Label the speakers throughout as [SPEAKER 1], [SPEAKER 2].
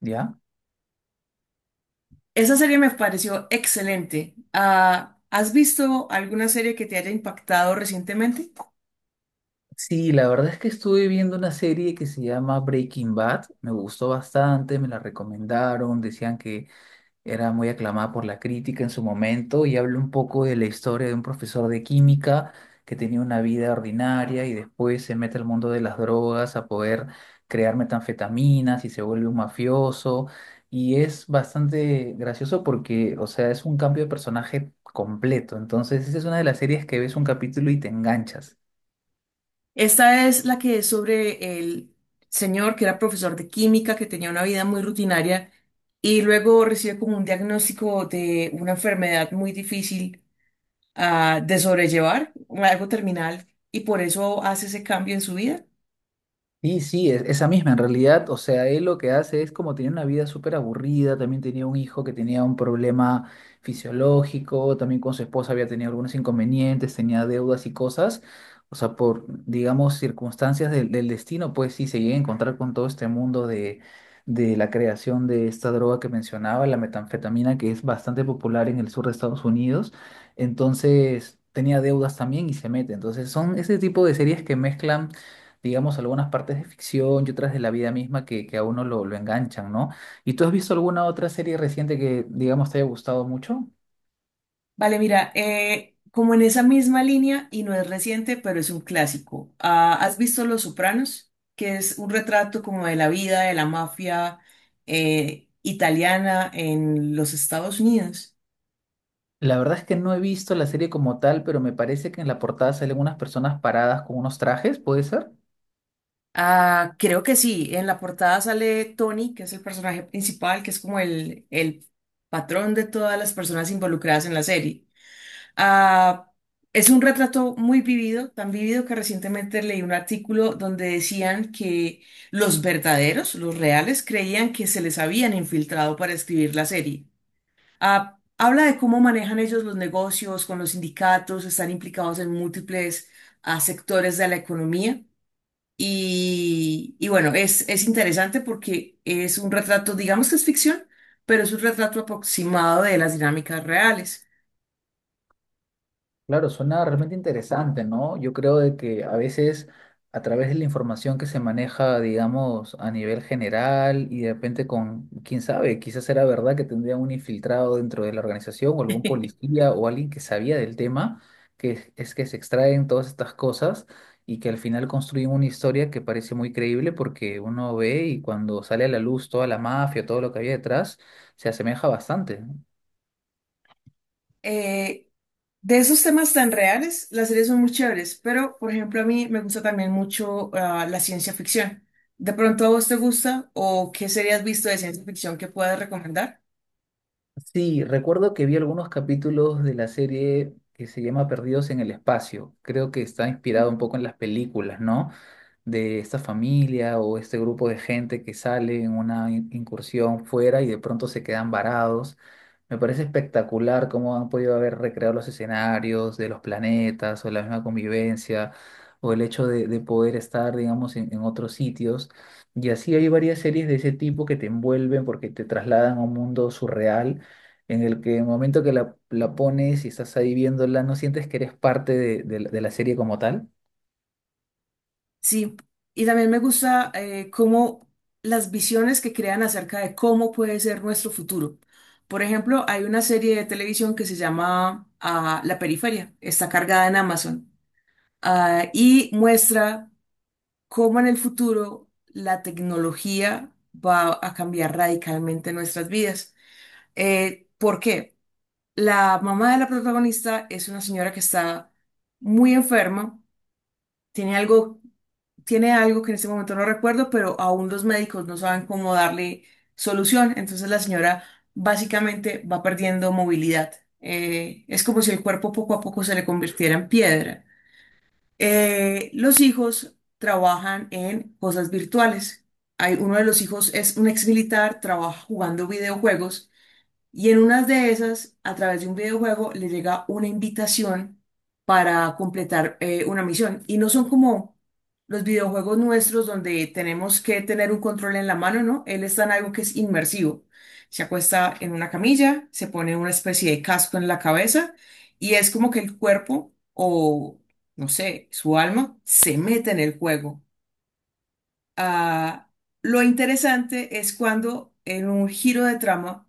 [SPEAKER 1] ¿Ya?
[SPEAKER 2] Esa serie me pareció excelente. ¿Has visto alguna serie que te haya impactado recientemente?
[SPEAKER 1] Sí, la verdad es que estuve viendo una serie que se llama Breaking Bad. Me gustó bastante, me la recomendaron, decían que era muy aclamada por la crítica en su momento y habla un poco de la historia de un profesor de química que tenía una vida ordinaria y después se mete al mundo de las drogas a poder crear metanfetaminas y se vuelve un mafioso. Y es bastante gracioso porque, o sea, es un cambio de personaje completo. Entonces, esa es una de las series que ves un capítulo y te enganchas.
[SPEAKER 2] Esta es la que es sobre el señor que era profesor de química, que tenía una vida muy rutinaria y luego recibe como un diagnóstico de una enfermedad muy difícil de sobrellevar, algo terminal, y por eso hace ese cambio en su vida.
[SPEAKER 1] Sí, sí, esa misma en realidad, o sea, él lo que hace es como tenía una vida súper aburrida, también tenía un hijo que tenía un problema fisiológico, también con su esposa había tenido algunos inconvenientes, tenía deudas y cosas, o sea, por, digamos, circunstancias del destino, pues sí, se llega a encontrar con todo este mundo de la creación de esta droga que mencionaba, la metanfetamina, que es bastante popular en el sur de Estados Unidos, entonces tenía deudas también y se mete, entonces son ese tipo de series que mezclan digamos, algunas partes de ficción y otras de la vida misma que a uno lo enganchan, ¿no? ¿Y tú has visto alguna otra serie reciente que, digamos, te haya gustado mucho?
[SPEAKER 2] Vale, mira, como en esa misma línea, y no es reciente, pero es un clásico. ¿Has visto Los Sopranos? Que es un retrato como de la vida de la mafia italiana en los Estados Unidos.
[SPEAKER 1] La verdad es que no he visto la serie como tal, pero me parece que en la portada salen unas personas paradas con unos trajes, ¿puede ser?
[SPEAKER 2] Ah, creo que sí. En la portada sale Tony, que es el personaje principal, que es como el patrón de todas las personas involucradas en la serie. Ah, es un retrato muy vivido, tan vivido que recientemente leí un artículo donde decían que los verdaderos, los reales, creían que se les habían infiltrado para escribir la serie. Habla de cómo manejan ellos los negocios con los sindicatos, están implicados en múltiples sectores de la economía. Y bueno, es interesante porque es un retrato, digamos que es ficción, pero es un retrato aproximado de las dinámicas reales.
[SPEAKER 1] Claro, suena realmente interesante, ¿no? Yo creo de que a veces a través de la información que se maneja, digamos, a nivel general y de repente con, quién sabe, quizás era verdad que tendría un infiltrado dentro de la organización o algún policía o alguien que sabía del tema, es que se extraen todas estas cosas y que al final construyen una historia que parece muy creíble porque uno ve y cuando sale a la luz toda la mafia, todo lo que había detrás, se asemeja bastante.
[SPEAKER 2] eh, de esos temas tan reales, las series son muy chéveres, pero por ejemplo a mí me gusta también mucho la ciencia ficción. ¿De pronto a vos te gusta o qué serie has visto de ciencia ficción que puedas recomendar?
[SPEAKER 1] Sí, recuerdo que vi algunos capítulos de la serie que se llama Perdidos en el Espacio. Creo que está inspirado un poco en las películas, ¿no? De esta familia o este grupo de gente que sale en una incursión fuera y de pronto se quedan varados. Me parece espectacular cómo han podido haber recreado los escenarios de los planetas o la misma convivencia o el hecho de poder estar, digamos, en otros sitios. Y así hay varias series de ese tipo que te envuelven porque te trasladan a un mundo surreal en el que en el momento que la pones y estás ahí viéndola, no sientes que eres parte de la serie como tal.
[SPEAKER 2] Sí, y también me gusta cómo las visiones que crean acerca de cómo puede ser nuestro futuro. Por ejemplo, hay una serie de televisión que se llama La Periferia, está cargada en Amazon y muestra cómo en el futuro la tecnología va a cambiar radicalmente nuestras vidas. ¿Por qué? La mamá de la protagonista es una señora que está muy enferma, tiene algo, tiene algo que en este momento no recuerdo, pero aún los médicos no saben cómo darle solución. Entonces la señora básicamente va perdiendo movilidad. Es como si el cuerpo poco a poco se le convirtiera en piedra, los hijos trabajan en cosas virtuales. Hay, uno de los hijos es un ex militar, trabaja jugando videojuegos y en unas de esas, a través de un videojuego, le llega una invitación para completar una misión. Y no son como los videojuegos nuestros donde tenemos que tener un control en la mano, ¿no? Él está en algo que es inmersivo. Se acuesta en una camilla, se pone una especie de casco en la cabeza y es como que el cuerpo o, no sé, su alma se mete en el juego. Ah, lo interesante es cuando en un giro de trama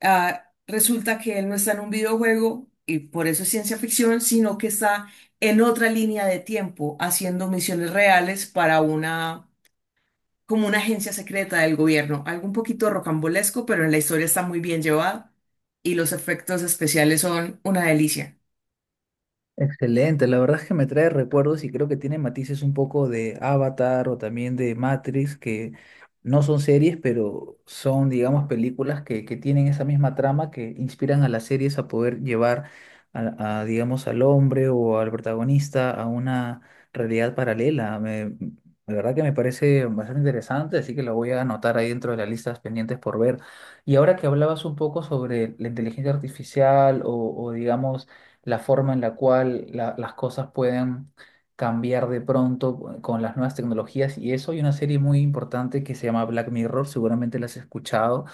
[SPEAKER 2] Resulta que él no está en un videojuego y por eso es ciencia ficción, sino que está en otra línea de tiempo haciendo misiones reales para una, como una agencia secreta del gobierno. Algo un poquito rocambolesco, pero en la historia está muy bien llevada y los efectos especiales son una delicia.
[SPEAKER 1] Excelente, la verdad es que me trae recuerdos y creo que tiene matices un poco de Avatar o también de Matrix, que no son series, pero son, digamos, películas que tienen esa misma trama que inspiran a las series a poder llevar digamos, al hombre o al protagonista a una realidad paralela. La verdad que me parece bastante interesante, así que lo voy a anotar ahí dentro de las listas pendientes por ver. Y ahora que hablabas un poco sobre la inteligencia artificial digamos, la forma en la cual las cosas pueden cambiar de pronto con las nuevas tecnologías y eso. Hay una serie muy importante que se llama Black Mirror, seguramente la has escuchado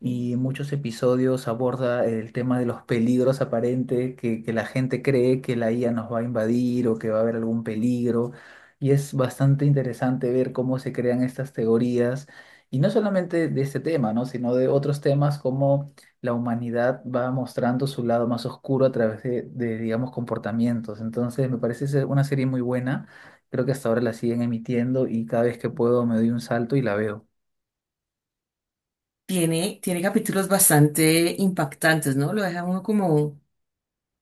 [SPEAKER 1] y en muchos episodios aborda el tema de los peligros aparentes, que la gente cree que la IA nos va a invadir o que va a haber algún peligro. Y es bastante interesante ver cómo se crean estas teorías, y no solamente de este tema, ¿no? Sino de otros temas como la humanidad va mostrando su lado más oscuro a través digamos, comportamientos. Entonces, me parece ser una serie muy buena. Creo que hasta ahora la siguen emitiendo y cada vez que puedo me doy un salto y la veo.
[SPEAKER 2] Tiene capítulos bastante impactantes, ¿no? Lo deja uno como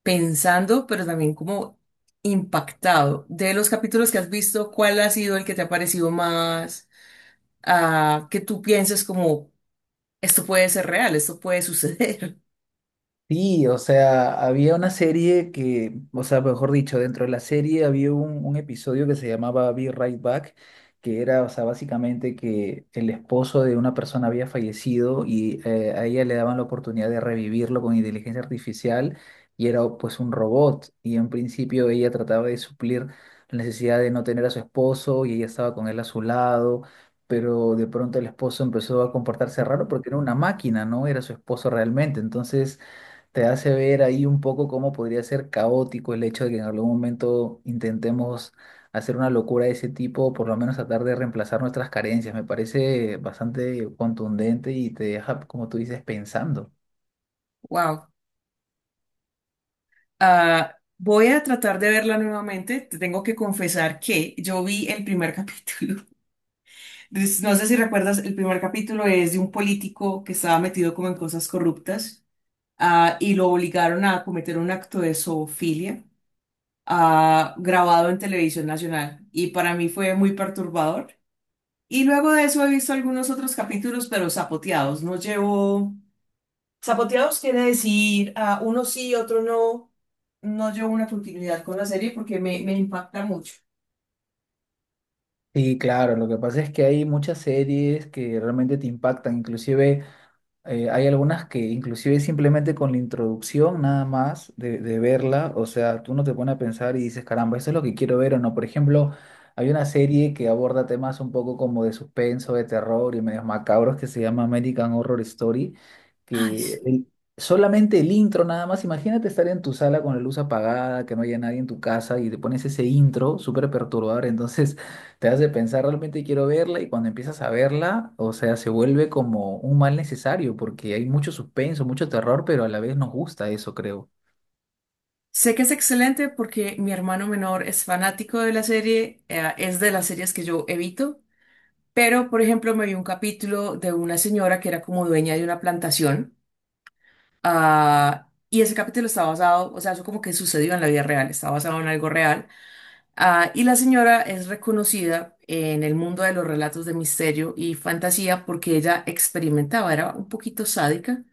[SPEAKER 2] pensando, pero también como impactado. De los capítulos que has visto, ¿cuál ha sido el que te ha parecido más, que tú pienses como, esto puede ser real, esto puede suceder?
[SPEAKER 1] Sí, o sea, había una serie que, o sea, mejor dicho, dentro de la serie había un episodio que se llamaba Be Right Back, que era, o sea, básicamente que el esposo de una persona había fallecido y a ella le daban la oportunidad de revivirlo con inteligencia artificial y era pues un robot y en principio ella trataba de suplir la necesidad de no tener a su esposo y ella estaba con él a su lado. Pero de pronto el esposo empezó a comportarse raro porque era una máquina, no era su esposo realmente. Entonces, te hace ver ahí un poco cómo podría ser caótico el hecho de que en algún momento intentemos hacer una locura de ese tipo, por lo menos tratar de reemplazar nuestras carencias. Me parece bastante contundente y te deja, como tú dices, pensando.
[SPEAKER 2] Wow. Voy a tratar de verla nuevamente. Te tengo que confesar que yo vi el primer capítulo. Entonces, no sé si recuerdas, el primer capítulo es de un político que estaba metido como en cosas corruptas. Y lo obligaron a cometer un acto de zoofilia, grabado en televisión nacional, y para mí fue muy perturbador. Y luego de eso he visto algunos otros capítulos, pero zapoteados. No llevo... Zapoteados quiere decir uno sí, otro no. No llevo una continuidad con la serie porque me impacta mucho.
[SPEAKER 1] Sí, claro, lo que pasa es que hay muchas series que realmente te impactan, inclusive... hay algunas que inclusive simplemente con la introducción nada más de verla, o sea, tú no te pones a pensar y dices, caramba, eso es lo que quiero ver o no. Por ejemplo, hay una serie que aborda temas un poco como de suspenso, de terror y medios macabros que se llama American Horror Story,
[SPEAKER 2] Ay,
[SPEAKER 1] que
[SPEAKER 2] sí.
[SPEAKER 1] el- solamente el intro nada más, imagínate estar en tu sala con la luz apagada, que no haya nadie en tu casa y te pones ese intro súper perturbador, entonces te hace pensar, realmente quiero verla y cuando empiezas a verla, o sea, se vuelve como un mal necesario porque hay mucho suspenso, mucho terror, pero a la vez nos gusta eso, creo.
[SPEAKER 2] Sé que es excelente porque mi hermano menor es fanático de la serie, es de las series que yo evito, pero por ejemplo me vi un capítulo de una señora que era como dueña de una plantación. Y ese capítulo está basado, o sea, eso como que sucedió en la vida real, está basado en algo real. Y la señora es reconocida en el mundo de los relatos de misterio y fantasía porque ella experimentaba, era un poquito sádica,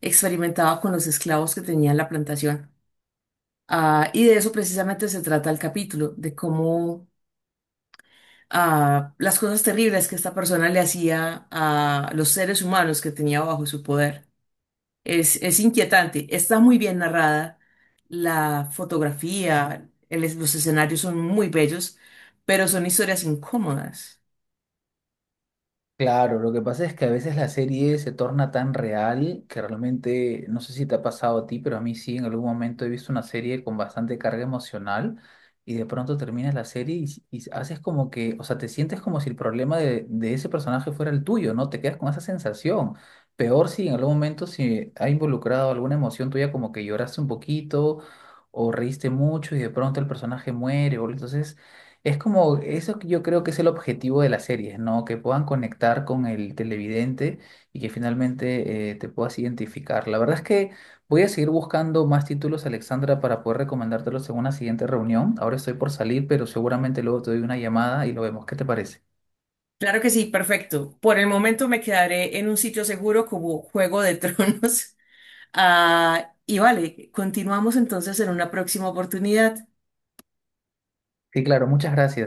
[SPEAKER 2] experimentaba con los esclavos que tenía en la plantación. Y de eso precisamente se trata el capítulo, de cómo las cosas terribles que esta persona le hacía a los seres humanos que tenía bajo su poder. Es inquietante. Está muy bien narrada. La fotografía, el los escenarios son muy bellos, pero son historias incómodas.
[SPEAKER 1] Claro, lo que pasa es que a veces la serie se torna tan real que realmente, no sé si te ha pasado a ti, pero a mí sí, en algún momento he visto una serie con bastante carga emocional y de pronto terminas la serie y haces como que, o sea, te sientes como si el problema de ese personaje fuera el tuyo, ¿no? Te quedas con esa sensación. Peor si en algún momento si ha involucrado alguna emoción tuya, como que lloraste un poquito o reíste mucho y de pronto el personaje muere, o entonces... Es como, eso que yo creo que es el objetivo de las series, ¿no? Que puedan conectar con el televidente y que finalmente te puedas identificar. La verdad es que voy a seguir buscando más títulos, Alexandra, para poder recomendártelos en una siguiente reunión. Ahora estoy por salir, pero seguramente luego te doy una llamada y lo vemos. ¿Qué te parece?
[SPEAKER 2] Claro que sí, perfecto. Por el momento me quedaré en un sitio seguro como Juego de Tronos. Y vale, continuamos entonces en una próxima oportunidad.
[SPEAKER 1] Sí, claro, muchas gracias.